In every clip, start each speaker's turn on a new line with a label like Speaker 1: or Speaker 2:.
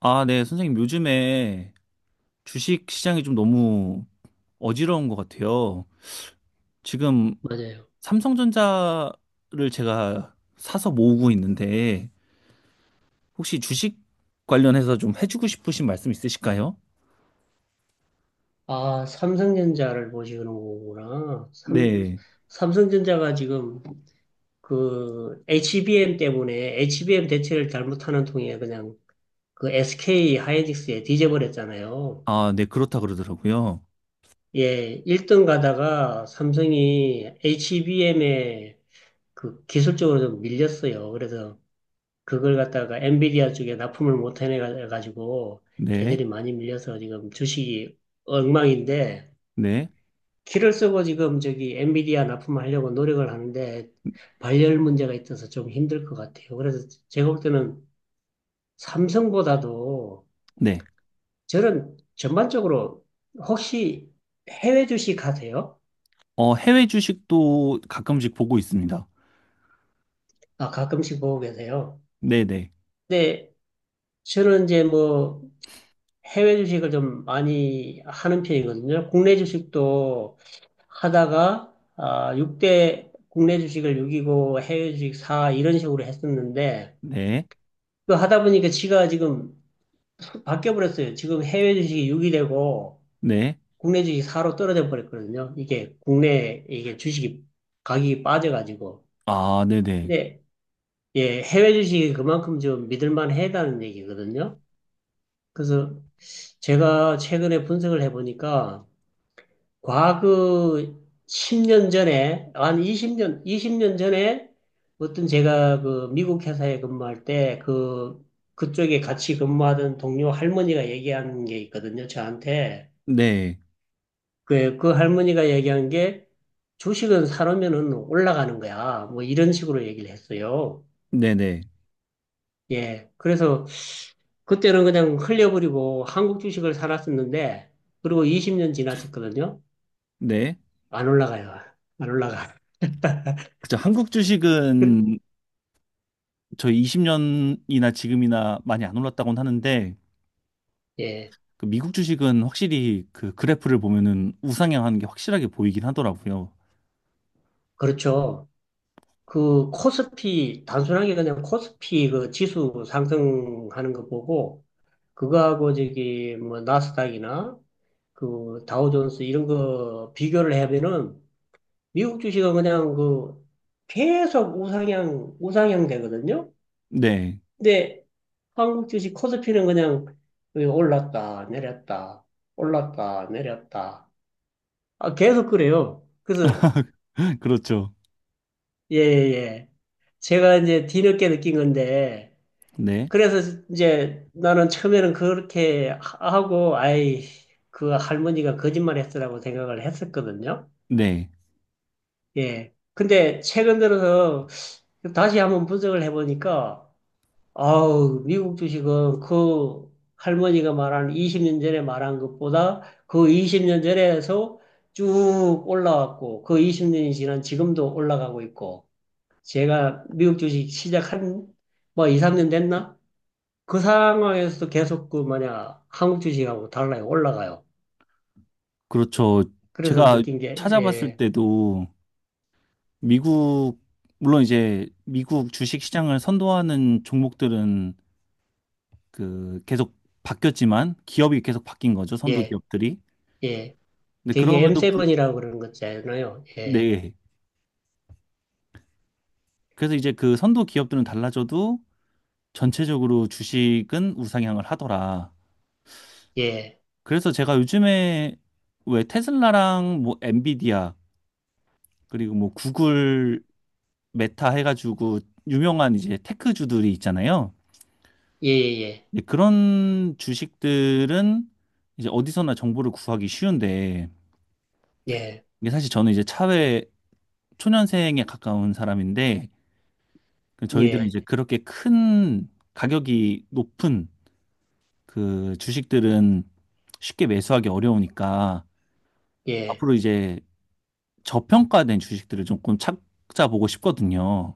Speaker 1: 아, 네, 선생님, 요즘에 주식 시장이 좀 너무 어지러운 것 같아요. 지금
Speaker 2: 맞아요.
Speaker 1: 삼성전자를 제가 사서 모으고 있는데, 혹시 주식 관련해서 좀 해주고 싶으신 말씀 있으실까요?
Speaker 2: 아, 삼성전자를 보시는 거구나.
Speaker 1: 네.
Speaker 2: 삼성전자가 지금 그 HBM 때문에 HBM 대체를 잘못하는 통에 그냥 그 SK 하이닉스에 뒤져버렸잖아요.
Speaker 1: 아, 네, 그렇다 그러더라고요.
Speaker 2: 예, 1등 가다가 삼성이 HBM에 그 기술적으로 좀 밀렸어요. 그래서 그걸 갖다가 엔비디아 쪽에 납품을 못 해내가지고
Speaker 1: 네,
Speaker 2: 걔들이 많이 밀려서 지금 주식이 엉망인데
Speaker 1: 네,
Speaker 2: 키를 쓰고 지금 저기 엔비디아 납품하려고 노력을 하는데 발열 문제가 있어서 좀 힘들 것 같아요. 그래서 제가 볼 때는 삼성보다도
Speaker 1: 네.
Speaker 2: 저는 전반적으로 혹시 해외 주식 하세요?
Speaker 1: 어, 해외 주식도 가끔씩 보고 있습니다.
Speaker 2: 아, 가끔씩 보고 계세요.
Speaker 1: 네네, 네,
Speaker 2: 근데 저는 이제 뭐 해외 주식을 좀 많이 하는 편이거든요. 국내 주식도 하다가 아, 6대 국내 주식을 6이고 해외 주식 4 이런 식으로 했었는데
Speaker 1: 네.
Speaker 2: 그 하다 보니까 지가 지금 바뀌어 버렸어요. 지금 해외 주식이 6이 되고
Speaker 1: 네.
Speaker 2: 국내 주식이 4로 떨어져 버렸거든요. 이게 국내 이게 주식이 가격이 빠져가지고.
Speaker 1: 아, 네네,
Speaker 2: 근데 예, 해외 주식이 그만큼 좀 믿을 만하다는 얘기거든요. 그래서 제가 최근에 분석을 해보니까 과거 10년 전에, 한 20년 전에 어떤 제가 그 미국 회사에 근무할 때 그쪽에 같이 근무하던 동료 할머니가 얘기한 게 있거든요, 저한테.
Speaker 1: 네,
Speaker 2: 그 할머니가 얘기한 게 주식은 사놓으면은 올라가는 거야. 뭐 이런 식으로 얘기를 했어요.
Speaker 1: 네 네, 네.
Speaker 2: 예. 그래서 그때는 그냥 흘려버리고 한국 주식을 사놨었는데, 그리고 20년 지났었거든요.
Speaker 1: 네, 네.
Speaker 2: 안 올라가요. 안 올라가.
Speaker 1: 그죠. 한국 주식은 저희 20년이나 지금이나 많이 안 올랐다고는 하는데
Speaker 2: 예.
Speaker 1: 그 미국 주식은 확실히 그 그래프를 보면은 우상향하는 게 확실하게 보이긴 하더라고요.
Speaker 2: 그렇죠. 그 코스피 단순하게 그냥 코스피 그 지수 상승하는 거 보고 그거하고 저기 뭐 나스닥이나 그 다우존스 이런 거 비교를 하면은 미국 주식은 그냥 그 계속 우상향 우상향 되거든요.
Speaker 1: 네,
Speaker 2: 근데 한국 주식 코스피는 그냥 그 올랐다 내렸다 올랐다 내렸다 아, 계속 그래요. 그래서
Speaker 1: 그렇죠.
Speaker 2: 예예 예 예, 예. 제가 이제 뒤늦게 느낀 건데.
Speaker 1: 네,
Speaker 2: 그래서 이제 나는 처음에는 그렇게 하고, 아이, 그 할머니가 거짓말 했으라고 생각을 했었거든요.
Speaker 1: 네,
Speaker 2: 예. 근데 최근 들어서 다시 한번 분석을 해보니까, 아우, 미국 주식은 그 할머니가 말한 20년 전에 말한 것보다 그 20년 전에서 쭉 올라왔고, 그 20년이 지난 지금도 올라가고 있고, 제가 미국 주식 시작한 뭐 2, 3년 됐나? 그 상황에서도 계속 그 뭐냐 한국 주식하고 달러가 올라가요.
Speaker 1: 그렇죠.
Speaker 2: 그래서
Speaker 1: 제가
Speaker 2: 느낀 게
Speaker 1: 찾아봤을
Speaker 2: 예,
Speaker 1: 때도 미국 물론 이제 미국 주식 시장을 선도하는 종목들은 그 계속 바뀌었지만 기업이 계속 바뀐 거죠. 선도
Speaker 2: 예,
Speaker 1: 기업들이.
Speaker 2: 예.
Speaker 1: 근데
Speaker 2: 되게
Speaker 1: 그럼에도 불-
Speaker 2: M7이라고 그러는 거잖아요. 예,
Speaker 1: 네. 그래서 이제 그 선도 기업들은 달라져도 전체적으로 주식은 우상향을 하더라.
Speaker 2: 예,
Speaker 1: 그래서 제가 요즘에 왜 테슬라랑 뭐 엔비디아 그리고 뭐 구글 메타 해가지고 유명한 이제 테크주들이 있잖아요.
Speaker 2: 예, 예,
Speaker 1: 근데 그런 주식들은 이제 어디서나 정보를 구하기 쉬운데
Speaker 2: 예,
Speaker 1: 이게 사실 저는 이제 차회 초년생에 가까운 사람인데 그 저희들은
Speaker 2: 예,
Speaker 1: 이제 그렇게 큰 가격이 높은 그 주식들은 쉽게 매수하기 어려우니까
Speaker 2: 예, 예.
Speaker 1: 앞으로 이제 저평가된 주식들을 조금 찾아보고 싶거든요.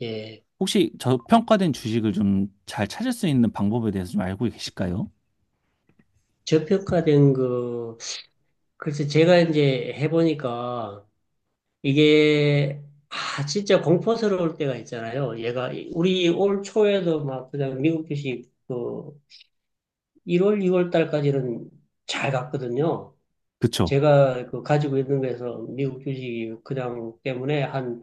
Speaker 2: 예.
Speaker 1: 혹시 저평가된 주식을 좀 잘 찾을 수 있는 방법에 대해서 좀 알고 계실까요?
Speaker 2: 저평가된 그 글쎄 제가 이제 해보니까 이게 아 진짜 공포스러울 때가 있잖아요. 얘가 우리 올 초에도 막 그냥 미국 주식 그 1월, 2월 달까지는 잘 갔거든요.
Speaker 1: 그쵸?
Speaker 2: 제가 그 가지고 있는 거에서 미국 주식이 그냥 때문에 한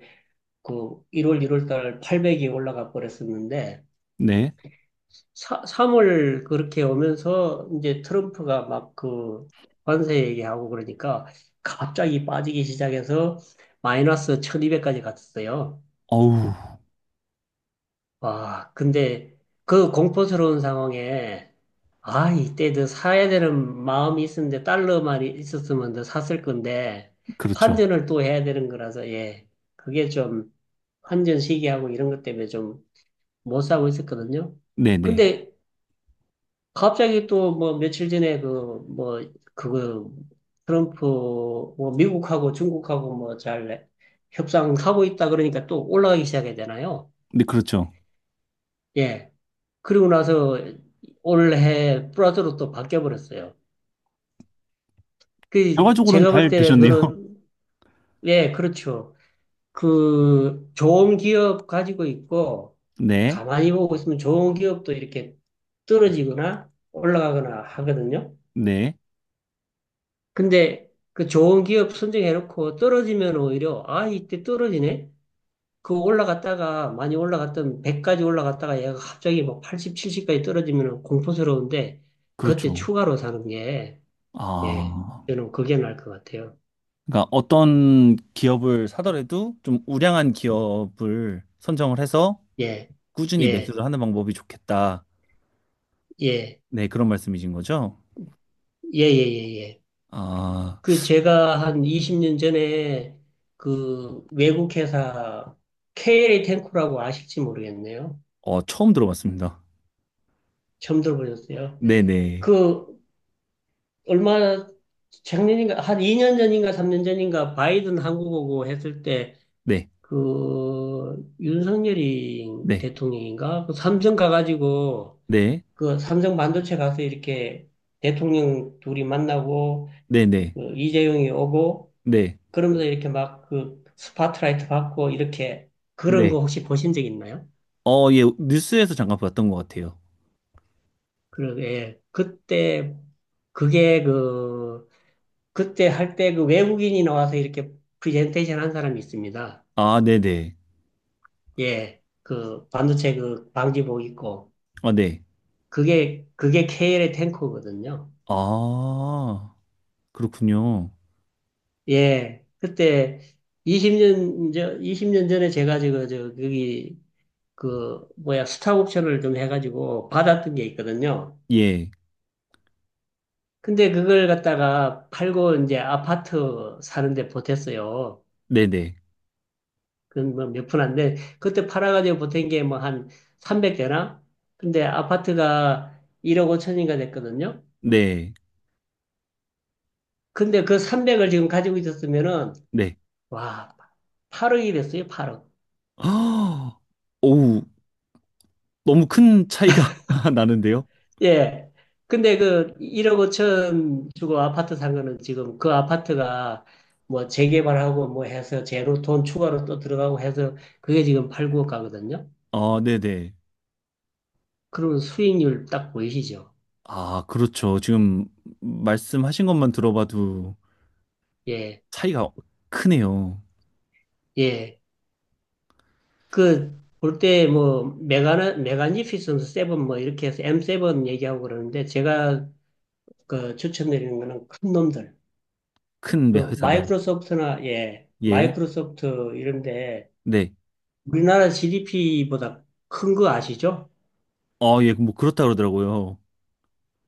Speaker 2: 그 1월 달 800이 올라가 버렸었는데,
Speaker 1: 네.
Speaker 2: 3월 그렇게 오면서 이제 트럼프가 막 그 관세 얘기하고 그러니까 갑자기 빠지기 시작해서 마이너스 1200까지 갔었어요.
Speaker 1: 어우,
Speaker 2: 와, 근데 그 공포스러운 상황에, 아, 이때 더 사야 되는 마음이 있었는데, 달러만 있었으면 더 샀을 건데,
Speaker 1: 그렇죠.
Speaker 2: 환전을 또 해야 되는 거라서, 예. 그게 좀, 환전 시기하고 이런 것 때문에 좀 못 사고 있었거든요.
Speaker 1: 네네.
Speaker 2: 근데 갑자기 또 뭐 며칠 전에 그, 뭐, 그거, 트럼프, 뭐 미국하고 중국하고 뭐 잘 협상하고 있다 그러니까 또 올라가기 시작해야 되나요?
Speaker 1: 네, 그렇죠.
Speaker 2: 예. 그리고 나서 올해 플라토로 또 바뀌어 버렸어요. 그
Speaker 1: 결과적으로는
Speaker 2: 제가 볼
Speaker 1: 잘
Speaker 2: 때는
Speaker 1: 되셨네요.
Speaker 2: 그런 예, 그렇죠. 그 좋은 기업 가지고 있고
Speaker 1: 네.
Speaker 2: 가만히 보고 있으면 좋은 기업도 이렇게 떨어지거나 올라가거나 하거든요.
Speaker 1: 네.
Speaker 2: 근데 그 좋은 기업 선정해 놓고 떨어지면 오히려 아, 이때 떨어지네. 그 올라갔다가 많이 올라갔던 100까지 올라갔다가 얘가 갑자기 뭐 80, 70까지 떨어지면 공포스러운데 그때
Speaker 1: 그렇죠.
Speaker 2: 추가로 사는 게 예.
Speaker 1: 아.
Speaker 2: 저는 그게 나을 것 같아요.
Speaker 1: 그러니까 어떤 기업을 사더라도 좀 우량한 기업을 선정을 해서
Speaker 2: 예.
Speaker 1: 꾸준히
Speaker 2: 예.
Speaker 1: 매수를 하는 방법이 좋겠다.
Speaker 2: 예.
Speaker 1: 네, 그런 말씀이신 거죠?
Speaker 2: 예. 예. 예. 예.
Speaker 1: 아.
Speaker 2: 그 제가 한 20년 전에 그 외국 회사 KLA 탱코라고 아실지 모르겠네요.
Speaker 1: 어, 처음 들어봤습니다.
Speaker 2: 처음 들어보셨어요?
Speaker 1: 네네.
Speaker 2: 그 얼마 작년인가 한 2년 전인가 3년 전인가 바이든 한국 오고 했을 때
Speaker 1: 네.
Speaker 2: 그 윤석열이
Speaker 1: 네.
Speaker 2: 대통령인가 그 삼성 가가지고
Speaker 1: 네.
Speaker 2: 그 삼성 반도체 가서 이렇게 대통령 둘이 만나고
Speaker 1: 네네.
Speaker 2: 그 이재용이 오고
Speaker 1: 네.
Speaker 2: 그러면서 이렇게 막 그 스파트라이트 받고 이렇게 그런 거
Speaker 1: 네.
Speaker 2: 혹시 보신 적 있나요?
Speaker 1: 어, 예, 뉴스에서 잠깐 봤던 것 같아요.
Speaker 2: 그, 예. 그때 그게 그 그때 할 때 그 외국인이 나와서 이렇게 프레젠테이션 한 사람이 있습니다.
Speaker 1: 아, 네네.
Speaker 2: 예. 그 반도체 그 방지복 입고
Speaker 1: 아, 네.
Speaker 2: 그게 KL의 탱커거든요.
Speaker 1: 아, 그렇군요.
Speaker 2: 예, 그때 이십 년 전에 제가 저거, 저, 거기, 그, 뭐야, 수탁 옵션을 좀 해가지고 받았던 게 있거든요.
Speaker 1: 예.
Speaker 2: 근데 그걸 갖다가 팔고 이제 아파트 사는데 보탰어요.
Speaker 1: 네네.
Speaker 2: 그건 뭐몇푼 안 돼. 그때 팔아가지고 보탠 게 뭐 한 300대나? 근데 아파트가 1억 5천인가 됐거든요.
Speaker 1: 네.
Speaker 2: 근데 그 300을 지금 가지고 있었으면은,
Speaker 1: 네.
Speaker 2: 와, 8억이 됐어요, 8억.
Speaker 1: 아, 오우, 너무 큰 차이가 나는데요?
Speaker 2: 예. 근데 그 1억 5천 주고 아파트 산 거는 지금 그 아파트가 뭐 재개발하고 뭐 해서 제로 돈 추가로 또 들어가고 해서 그게 지금 8, 9억 가거든요.
Speaker 1: 아, 네네.
Speaker 2: 그러면 수익률 딱 보이시죠?
Speaker 1: 아, 그렇죠. 지금 말씀하신 것만 들어봐도
Speaker 2: 예.
Speaker 1: 차이가 크네요.
Speaker 2: 예. 그 볼 때 뭐 메가나 메간 이피슨 세븐 뭐 이렇게 해서 M7 얘기하고 그러는데 제가 그 추천드리는 거는 큰 놈들.
Speaker 1: 큰
Speaker 2: 그
Speaker 1: 매- 회사들.
Speaker 2: 마이크로소프트나 예.
Speaker 1: 예.
Speaker 2: 마이크로소프트 이런데
Speaker 1: 네.
Speaker 2: 우리나라 GDP보다 큰 거 아시죠?
Speaker 1: 아, 예, 뭐 그렇다 그러더라고요.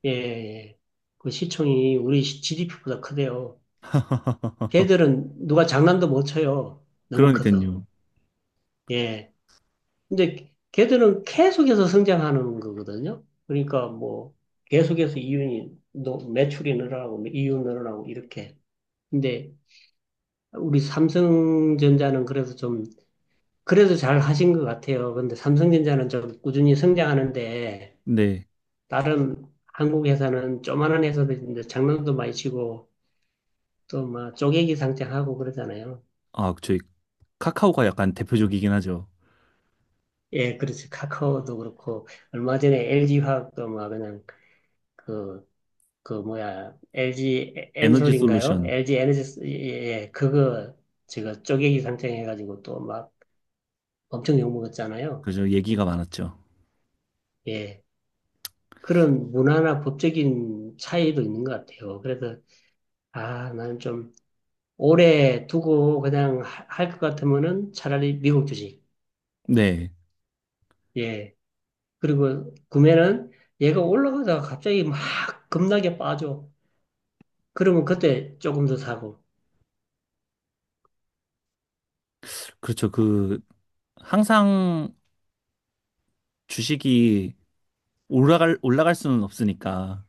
Speaker 2: 예, 예. 그 시총이 우리 GDP보다 크대요. 걔들은 누가 장난도 못 쳐요. 너무 커서.
Speaker 1: 그러니까요.
Speaker 2: 예. 근데 걔들은 계속해서 성장하는 거거든요. 그러니까 뭐 계속해서 매출이 늘어나고 뭐 이윤 늘어나고 이렇게. 근데 우리 삼성전자는 그래서 좀 그래도 잘 하신 것 같아요. 근데 삼성전자는 좀 꾸준히 성장하는데
Speaker 1: 네.
Speaker 2: 다른 한국 회사는 조만한 회사들인데 장난도 많이 치고 또 막 쪼개기 상장하고 그러잖아요.
Speaker 1: 아, 저희 카카오가 약간 대표적이긴 하죠.
Speaker 2: 예, 그렇지. 카카오도 그렇고 얼마 전에 LG 화학도 막 그냥 그, 그 뭐야 LG
Speaker 1: 에너지
Speaker 2: 엔솔인가요?
Speaker 1: 솔루션.
Speaker 2: LG 에너지 예, 예, 예. 그거 제가 쪼개기 상장해가지고 또 막 엄청 욕먹었잖아요.
Speaker 1: 그죠. 얘기가 많았죠.
Speaker 2: 예, 그런 문화나 법적인 차이도 있는 것 같아요. 그래서 아, 나는 좀 오래 두고 그냥 할 것 같으면은 차라리 미국 주식.
Speaker 1: 네.
Speaker 2: 예. 그리고 구매는 얘가 올라가다가 갑자기 막 급락에 빠져. 그러면 그때 조금 더 사고.
Speaker 1: 그렇죠. 그 항상 주식이 올라갈 수는 없으니까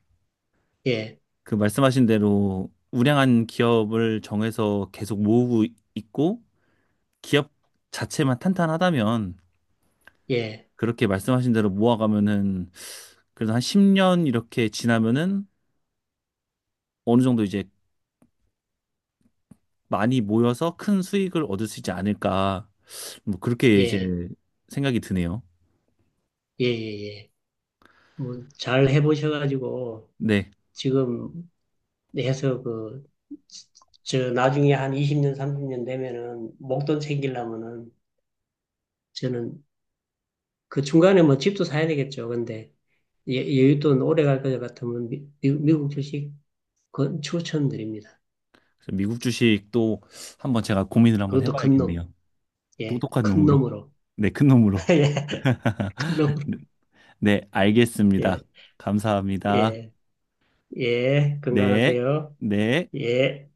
Speaker 2: 예.
Speaker 1: 그 말씀하신 대로 우량한 기업을 정해서 계속 모으고 있고 기업 자체만 탄탄하다면
Speaker 2: 예.
Speaker 1: 그렇게 말씀하신 대로 모아가면은 그래도 한 10년 이렇게 지나면은 어느 정도 이제 많이 모여서 큰 수익을 얻을 수 있지 않을까. 뭐 그렇게 이제
Speaker 2: 예.
Speaker 1: 생각이 드네요.
Speaker 2: 예. 예. 예. 뭐 잘 해보셔가지고
Speaker 1: 네.
Speaker 2: 지금 해서 그, 저 나중에 한 20년, 30년 되면은 목돈 챙기려면은 저는 그 중간에 뭐 집도 사야 되겠죠. 근데 여윳돈 오래 갈 것 같으면 미국 주식 건 추천드립니다.
Speaker 1: 그래서 미국 주식도 한번 제가 고민을 한번
Speaker 2: 그것도 큰 놈.
Speaker 1: 해봐야겠네요.
Speaker 2: 예,
Speaker 1: 똑똑한
Speaker 2: 큰
Speaker 1: 놈으로.
Speaker 2: 놈으로.
Speaker 1: 네, 큰 놈으로.
Speaker 2: 예, 큰 놈으로.
Speaker 1: 네, 알겠습니다.
Speaker 2: 예,
Speaker 1: 감사합니다.
Speaker 2: 예, 예.
Speaker 1: 네,
Speaker 2: 건강하세요.
Speaker 1: 네.
Speaker 2: 예.